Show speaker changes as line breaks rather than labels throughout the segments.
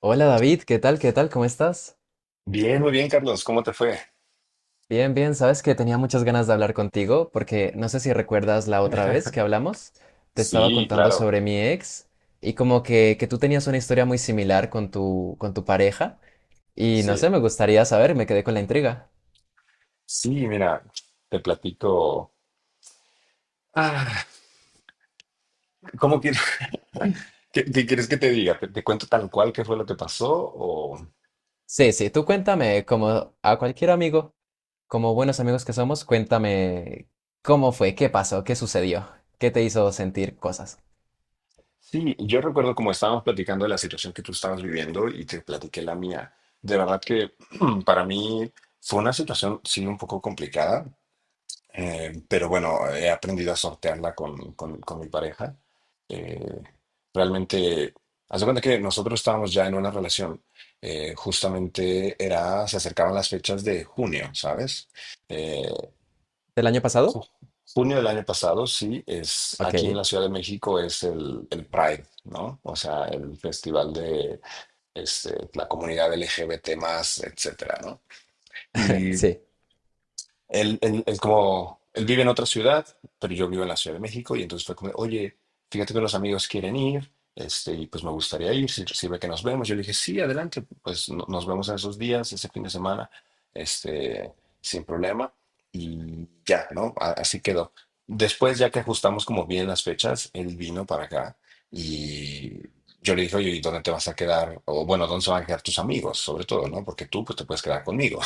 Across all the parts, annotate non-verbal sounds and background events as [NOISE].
Hola David, ¿qué tal? ¿Qué tal? ¿Cómo estás?
Bien, muy bien, Carlos. ¿Cómo te fue?
Bien, bien, sabes que tenía muchas ganas de hablar contigo porque no sé si recuerdas la otra vez que hablamos, te estaba
Sí,
contando
claro.
sobre mi ex y como que tú tenías una historia muy similar con tu pareja y no
Sí.
sé, me gustaría saber, me quedé con la intriga.
Sí, mira, te platico. Ah, ¿cómo quieres? [LAUGHS] ¿Qué quieres que te diga? ¿Te cuento tal cual qué fue lo que pasó? O...
Sí, sí, tú cuéntame, como a cualquier amigo, como buenos amigos que somos, cuéntame cómo fue, qué pasó, qué sucedió, qué te hizo sentir cosas.
Sí, yo recuerdo como estábamos platicando de la situación que tú estabas viviendo y te platiqué la mía. De verdad que [CLEARS THROAT] para mí fue una situación, sí, un poco complicada. Pero bueno, he aprendido a sortearla con, con mi pareja. Eh, Realmente, haz de cuenta que nosotros estábamos ya en una relación. Justamente era, se acercaban las fechas de junio, ¿sabes? Eh,
¿Del año pasado?
ju- Junio del año pasado, sí, es
Ok,
aquí en la Ciudad de México, es el Pride, ¿no? O sea, el festival de la comunidad LGBT, más, etcétera, ¿no? y
sí,
él, él- él como, él vive en otra ciudad, pero yo vivo en la Ciudad de México y entonces fue como, oye, fíjate que los amigos quieren ir, y pues me gustaría ir, si sirve que nos vemos. Yo le dije, sí, adelante, pues nos vemos en esos días, ese fin de semana, este, sin problema. Y ya, ¿no? Así quedó. Después, ya que ajustamos como bien las fechas, él vino para acá y yo le dije, oye, ¿y dónde te vas a quedar? O bueno, ¿dónde se van a quedar tus amigos? Sobre todo, ¿no? Porque tú, pues, te puedes quedar conmigo.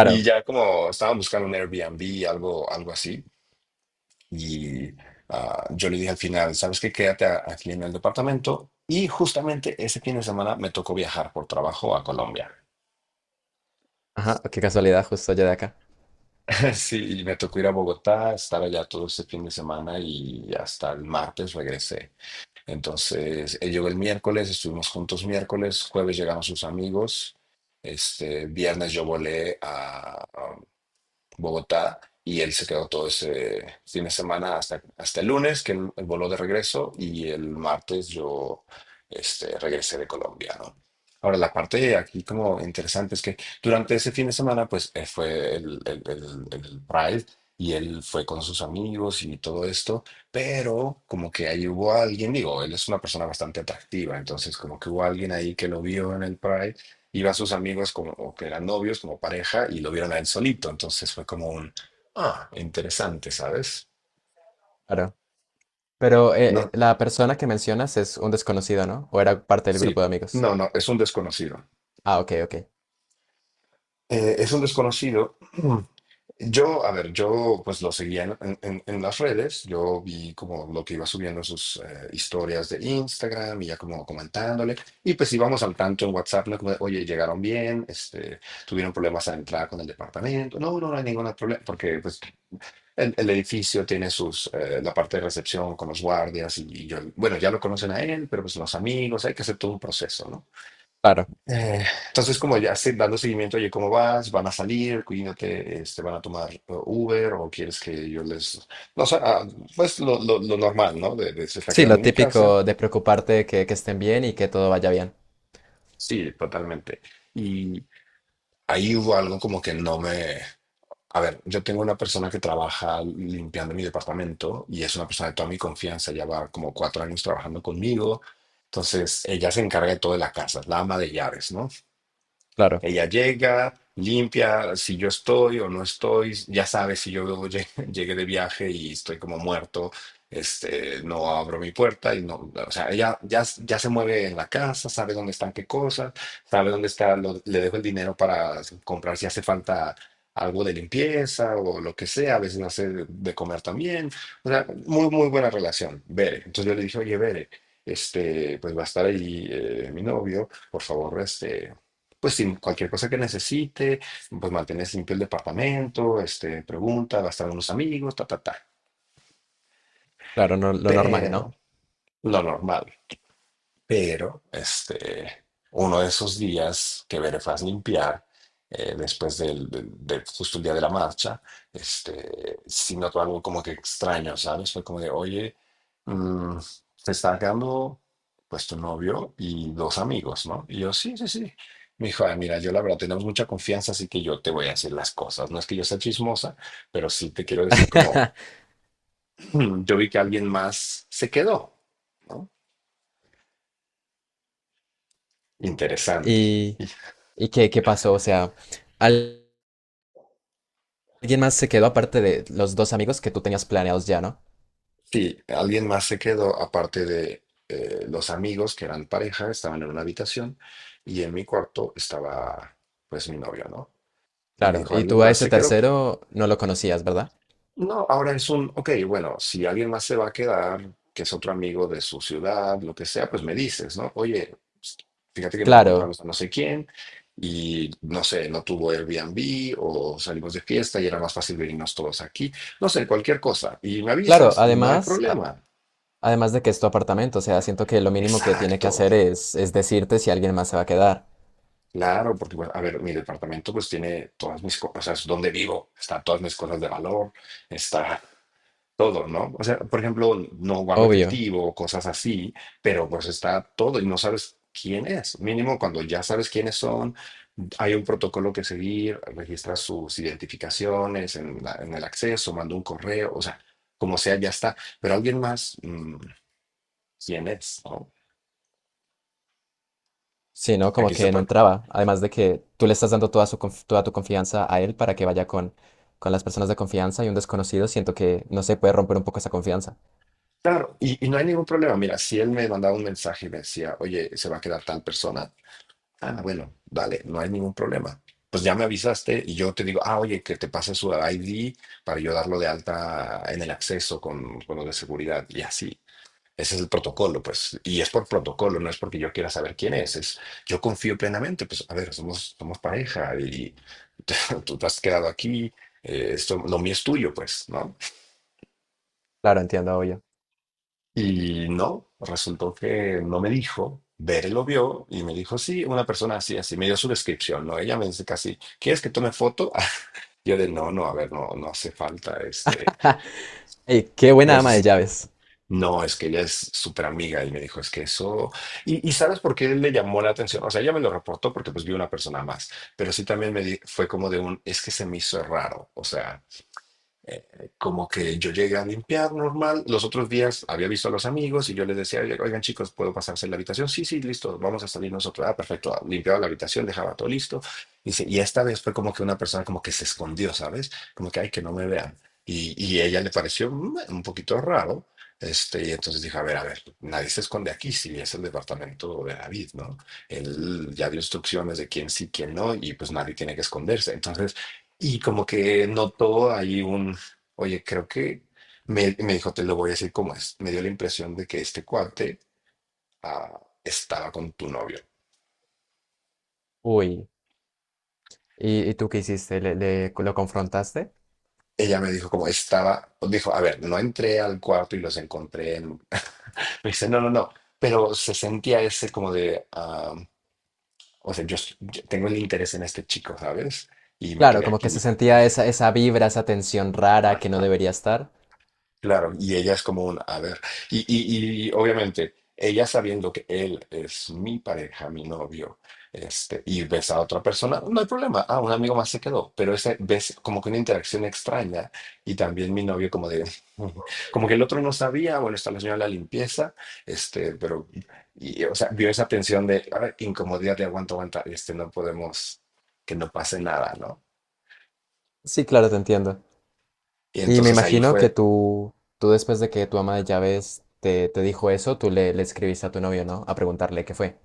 Y ya como estaba buscando un Airbnb, algo, algo así, y yo le dije al final, ¿sabes qué? Quédate aquí en el departamento. Y justamente ese fin de semana me tocó viajar por trabajo a Colombia.
Ajá, qué casualidad, justo allá de acá.
[LAUGHS] Sí, y me tocó ir a Bogotá, estar allá todo ese fin de semana y hasta el martes regresé. Entonces, él llegó el miércoles, estuvimos juntos miércoles, jueves llegaron sus amigos, viernes yo volé a Bogotá, y él se quedó todo ese fin de semana hasta el lunes, que él voló de regreso, y el martes yo regresé de Colombia, ¿no? Ahora, la parte aquí como interesante es que durante ese fin de semana, pues fue el Pride, y él fue con sus amigos y todo esto, pero como que ahí hubo alguien, digo, él es una persona bastante atractiva, entonces como que hubo alguien ahí que lo vio en el Pride. Iba a sus amigos como o que eran novios, como pareja, y lo vieron a él solito. Entonces fue como un, ah, interesante, ¿sabes?
Claro. Pero
No,
la persona que mencionas es un desconocido, ¿no? ¿O era parte del grupo de
sí,
amigos?
no, no, es un desconocido.
Ah, ok, ok.
Es un desconocido. [CLEARS THROAT] Yo, a ver, yo pues lo seguía en las redes, yo vi como lo que iba subiendo en sus historias de Instagram y ya como comentándole, y pues íbamos al tanto en WhatsApp, ¿no? Como de, oye, llegaron bien, tuvieron problemas a entrar con el departamento, no, no, no hay ningún problema, porque pues el edificio tiene la parte de recepción con los guardias, y yo, bueno, ya lo conocen a él, pero pues los amigos, hay que hacer todo un proceso, ¿no?
Claro.
Eh, entonces, como ya dando seguimiento, oye, ¿cómo vas? ¿Van a salir? Cuídate, ¿van a tomar Uber, o quieres que yo les... No, sé, pues lo normal, ¿no? De se está
Sí,
quedando
lo
en mi casa.
típico de preocuparte que estén bien y que todo vaya bien.
Sí, totalmente. Y ahí hubo algo como que no me... A ver, yo tengo una persona que trabaja limpiando mi departamento y es una persona de toda mi confianza, ya va como 4 años trabajando conmigo. Entonces, ella se encarga de todo de la casa, es la ama de llaves, ¿no?
Claro,
Ella llega, limpia, si yo estoy o no estoy, ya sabe. Si yo [LAUGHS] llegué de viaje y estoy como muerto, no abro mi puerta y no, o sea, ella ya, ya se mueve en la casa, sabe dónde están qué cosas, sabe dónde está, le dejo el dinero para comprar si hace falta algo de limpieza o lo que sea, a veces hace de comer también, o sea, muy, muy buena relación, Bere. Entonces yo le dije, oye, Bere, pues va a estar ahí mi novio, por favor, pues sí, cualquier cosa que necesite, pues mantener limpio el departamento, pregunta, va a estar unos amigos, ta, ta, ta.
claro, lo normal, ¿no?
Pero lo normal. Pero uno de esos días que Verefaz limpiar, después justo el día de la marcha, sí notó algo como que extraño, ¿sabes? Fue como de, oye, mm, te está quedando pues tu novio y dos amigos, ¿no? Y yo, sí, sí, sí. Me dijo, "Ah, mira, yo la verdad tenemos mucha confianza, así que yo te voy a decir las cosas. No es que yo sea chismosa, pero sí te quiero decir como,
[LAUGHS]
Yo vi que alguien más se quedó, ¿no? Interesante.
¿Y, y qué, qué pasó? O sea, al- alguien más se quedó aparte de los dos amigos que tú tenías planeados ya, ¿no?
Sí, alguien más se quedó, aparte de los amigos que eran pareja, estaban en una habitación y en mi cuarto estaba pues mi novio, ¿no? Y me
Claro,
dijo,
y
¿alguien
tú a
más
ese
se quedó?
tercero no lo conocías, ¿verdad?
No, ahora es un, ok, bueno, si alguien más se va a quedar, que es otro amigo de su ciudad, lo que sea, pues me dices, ¿no? Oye, pues, fíjate que nos
Claro,
encontramos a no sé quién y no sé, no tuvo Airbnb o salimos de fiesta y era más fácil venirnos todos aquí, no sé, cualquier cosa. Y me
claro,
avisas y no hay
además.
problema.
Además de que es tu apartamento, o sea, siento que lo mínimo que tiene que
Exacto.
hacer es decirte si alguien más se va a quedar.
Claro, porque, bueno, a ver, mi departamento pues tiene todas mis cosas, o sea, es donde vivo, están todas mis cosas de valor, está todo, ¿no? O sea, por ejemplo, no guardo
Obvio.
efectivo, cosas así, pero pues está todo y no sabes quién es. Mínimo, cuando ya sabes quiénes son, hay un protocolo que seguir, registras sus identificaciones en el acceso, manda un correo, o sea, como sea, ya está. Pero alguien más, ¿quién es? ¿no?
Sí, no, como
Aquí se,
que no entraba. Además de que tú le estás dando toda tu confianza a él para que vaya con las personas de confianza y un desconocido, siento que no se puede romper un poco esa confianza.
Claro, y no hay ningún problema. Mira, si él me mandaba un mensaje y me decía, oye, se va a quedar tal persona, ah, bueno, dale, no hay ningún problema. Pues ya me avisaste y yo te digo, ah, oye, que te pase su ID para yo darlo de alta en el acceso con lo de seguridad y así. Ese es el protocolo, pues, y es por protocolo, no es porque yo quiera saber quién es, yo confío plenamente, pues, a ver, somos, somos pareja y [LAUGHS] tú te has quedado aquí, esto, lo mío es tuyo, pues, ¿no?
Claro, entiendo, obvio.
Y no, resultó que no me dijo. Bere lo vio y me dijo, sí, una persona así, así. Me dio su descripción, ¿no? Ella me dice casi, ¿quieres que tome foto? [LAUGHS] Yo de, no, no, a ver, no, no hace falta.
Ey, qué
Me
buena
dice,
ama de
sí.
llaves.
No, es que ella es súper amiga y me dijo, es que eso... Y ¿sabes por qué le llamó la atención? O sea, ella me lo reportó porque pues vi una persona más, pero sí también fue como de un, es que se me hizo raro, o sea... Como que yo llegué a limpiar normal. Los otros días había visto a los amigos y yo les decía, oigan chicos, ¿puedo pasarse la habitación? Sí, sí, listo, vamos a salir nosotros. Ah, perfecto, ah, limpiaba la habitación, dejaba todo listo. Dice, y esta vez fue como que una persona como que se escondió, ¿sabes? Como que, ay, que no me vean. Y ella le pareció un poquito raro. Y entonces dije, a ver, nadie se esconde aquí, si es el departamento de David, ¿no? Él ya dio instrucciones de quién sí, quién no, y pues nadie tiene que esconderse. Entonces, y como que notó ahí un... Oye, creo que me dijo, te lo voy a decir como es. Me dio la impresión de que este cuate estaba con tu novio.
Uy. Y tú qué hiciste? ¿Le, lo confrontaste?
Ella me dijo como estaba, dijo, a ver, no entré al cuarto y los encontré en... [LAUGHS] Me dice, no, no, no, pero se sentía ese como de, ah, o sea, yo tengo el interés en este chico, ¿sabes? Y me
Claro,
quedé
como que se
aquí.
sentía
[LAUGHS]
esa, esa vibra, esa tensión rara que no
Ajá.
debería estar.
Claro, y ella es como un, a ver, y obviamente ella, sabiendo que él es mi pareja, mi novio, y ves a otra persona, no hay problema, ah, un amigo más se quedó, pero ese ves como que una interacción extraña y también mi novio como de, [LAUGHS] como que el otro no sabía, bueno, está la señora de la limpieza, pero, y, o sea, vio esa tensión de, a ver, incomodidad de aguanta, aguanta, no podemos, que no pase nada, ¿no?
Sí, claro, te entiendo.
Y
Y me
entonces ahí
imagino que
fue...
tú después de que tu ama de llaves te dijo eso, tú le, le escribiste a tu novio, ¿no? A preguntarle qué fue.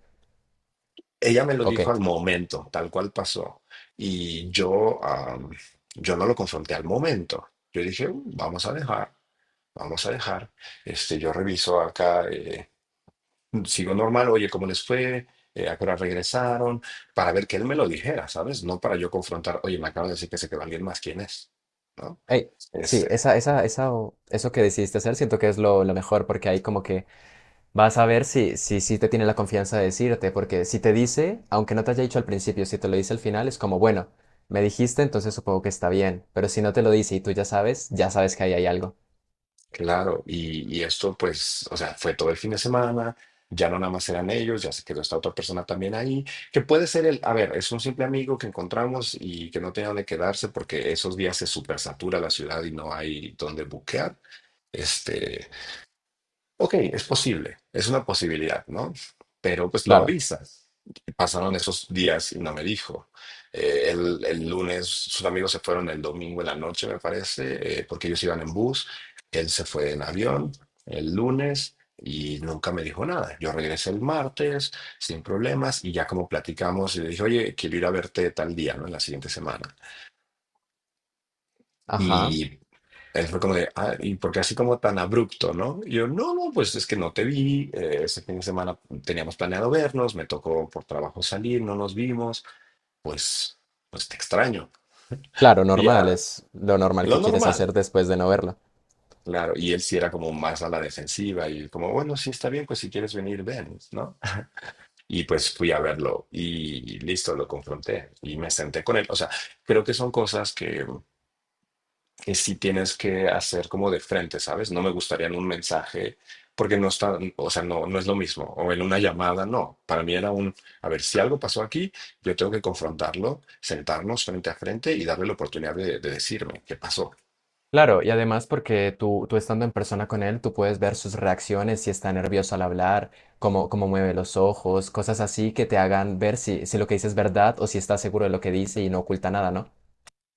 Ella me lo
¿O
dijo
Hey?
al momento, tal cual pasó. Y yo, yo no lo confronté al momento. Yo dije, "Mm, vamos a dejar, vamos a dejar. Este, yo reviso acá, sigo normal, oye, ¿cómo les fue? ¿A qué hora regresaron? Para ver que él me lo dijera, ¿sabes? No para yo confrontar, oye, me acaban de decir que se quedó alguien más, ¿quién es? ¿No?
Sí,
Este.
esa, eso que decidiste hacer siento que es lo mejor porque ahí como que vas a ver si, si, si te tiene la confianza de decirte, porque si te dice, aunque no te haya dicho al principio, si te lo dice al final, es como, bueno, me dijiste, entonces supongo que está bien, pero si no te lo dice y tú ya sabes que ahí hay algo.
Claro, y esto pues, o sea, fue todo el fin de semana, ya no nada más eran ellos, ya se quedó esta otra persona también ahí, que puede ser el, a ver, es un simple amigo que encontramos y que no tenía dónde quedarse porque esos días se supersatura la ciudad y no hay dónde buquear. Este, ok, es posible, es una posibilidad, ¿no? Pero pues lo
Claro.
avisas. Pasaron esos días y no me dijo. El lunes sus amigos se fueron el domingo en la noche, me parece, porque ellos iban en bus. Él se fue en avión el lunes y nunca me dijo nada. Yo regresé el martes sin problemas y ya como platicamos, y le dije, oye, quiero ir a verte tal día, ¿no? En la siguiente semana.
Ajá.
Y él fue como de, ah, ¿y porque así como tan abrupto, no? Y yo, no, no, pues es que no te vi, ese fin de semana teníamos planeado vernos, me tocó por trabajo salir, no nos vimos, pues, pues te extraño.
Claro,
Y
normal,
ya,
es lo normal
lo
que quieres hacer
normal,
después de no verlo.
claro. Y él sí era como más a la defensiva y como, bueno, sí está bien, pues si quieres venir, ven, ¿no? Y pues fui a verlo y listo, lo confronté y me senté con él. O sea, creo que son cosas que sí tienes que hacer como de frente, ¿sabes? No me gustaría en un mensaje, porque no está, o sea, no, no es lo mismo. O en una llamada, no. Para mí era un, a ver, si algo pasó aquí, yo tengo que confrontarlo, sentarnos frente a frente y darle la oportunidad de decirme qué pasó.
Claro, y además porque tú estando en persona con él, tú puedes ver sus reacciones, si está nervioso al hablar, cómo, cómo mueve los ojos, cosas así que te hagan ver si, si lo que dice es verdad o si está seguro de lo que dice y no oculta nada, ¿no?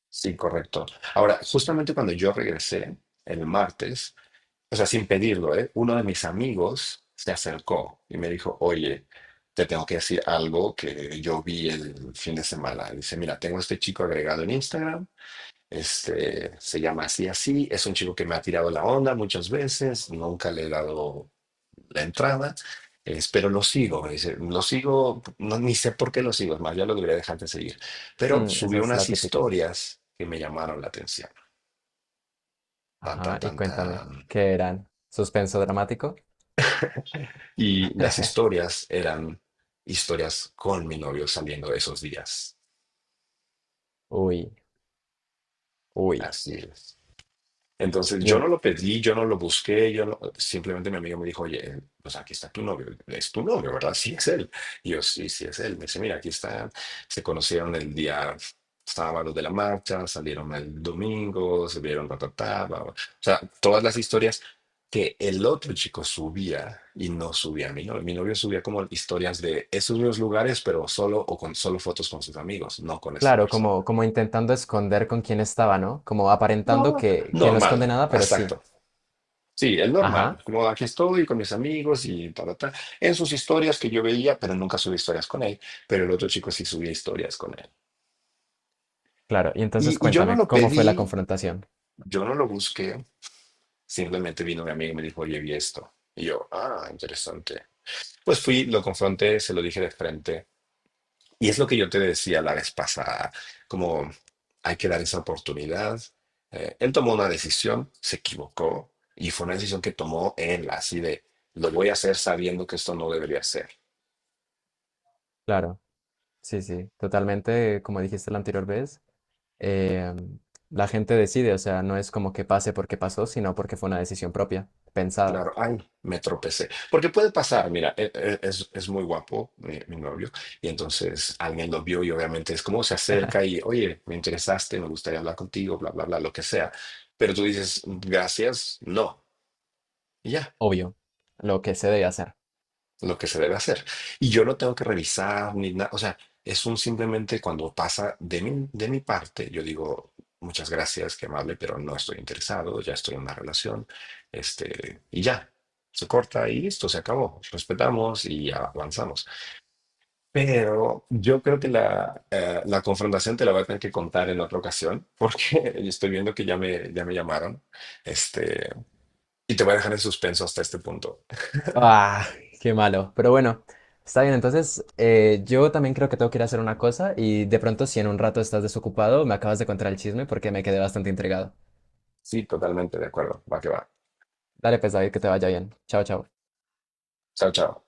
Sí, correcto. Ahora, justamente cuando yo regresé el martes, o sea, sin pedirlo, ¿eh? Uno de mis amigos se acercó y me dijo, oye, te tengo que decir algo que yo vi el fin de semana. Dice, mira, tengo a este chico agregado en Instagram. Este, se llama así, así. Es un chico que me ha tirado la onda muchas veces, nunca le he dado la entrada, pero lo sigo. Me dice, lo sigo, no, ni sé por qué lo sigo, es más, ya lo debería dejar de seguir. Pero
Mm, esa
subió
es la
unas
típica.
historias que me llamaron la atención. Tan, tan,
Ajá, y
tan,
cuéntame,
tan.
¿qué eran? ¿Suspenso dramático?
Y las
[LAUGHS]
historias eran historias con mi novio saliendo de esos días.
Uy, uy.
Así es. Entonces
Y
yo
en-
no lo pedí, yo no lo busqué, yo no- simplemente mi amigo me dijo, oye, pues aquí está tu novio, es tu novio, ¿verdad? Sí, es él. Y yo, sí, sí, es él. Me dice, mira, aquí está, se conocieron el día sábado de la marcha, salieron el domingo, se vieron, ta, ta, ta, bla, bla". O sea, todas las historias que el otro chico subía y no subía a mi novio. Mi novio subía como historias de esos mismos lugares, pero solo o con solo fotos con sus amigos, no con esta
claro, como,
persona.
como intentando esconder con quién estaba, ¿no? Como
No,
aparentando que no
normal,
esconde nada, pero sí.
exacto. Sí, el normal,
Ajá,
como aquí estoy con mis amigos y tal, tal, en sus historias que yo veía, pero nunca subí historias con él, pero el otro chico sí subía historias con él.
claro. Y entonces
Y yo no
cuéntame,
lo
¿cómo fue la
pedí,
confrontación?
yo no lo busqué, simplemente vino mi amigo y me dijo, oye, vi esto. Y yo, ah, interesante. Pues fui, lo confronté, se lo dije de frente. Y es lo que yo te decía la vez pasada, como hay que dar esa oportunidad. Él tomó una decisión, se equivocó, y fue una decisión que tomó él, así de, lo voy a hacer sabiendo que esto no debería ser.
Claro, sí, sí, totalmente, como dijiste la anterior vez, eh, la gente decide, o sea, no es como que pase porque pasó, sino porque fue una decisión propia, pensada,
Claro, ay, me tropecé. Porque puede pasar, mira, es muy guapo mi novio, y entonces alguien lo vio y obviamente es como se acerca y, oye, me interesaste, me gustaría hablar contigo, bla, bla, bla, lo que sea. Pero tú dices, gracias, no, y ya.
obvio, lo que se debe hacer.
Lo que se debe hacer. Y yo no tengo que revisar ni nada, o sea, es un simplemente cuando pasa de de mi parte, yo digo, muchas gracias, qué amable, pero no estoy interesado, ya estoy en una relación, este, y ya, se corta y listo, se acabó, respetamos y avanzamos. Pero yo creo que la, la confrontación te la voy a tener que contar en otra ocasión, porque [LAUGHS] estoy viendo que ya me llamaron, este, y te voy a dejar en suspenso hasta este punto.
Ah, qué malo. Pero bueno, está bien. Entonces, yo también creo que tengo que ir a hacer una cosa y de pronto, si en un rato estás desocupado, me acabas de contar el chisme porque me quedé bastante intrigado.
Sí, totalmente de acuerdo, va que va.
Dale, pues, David, que te vaya bien. Chao, chao.
Chao, chao.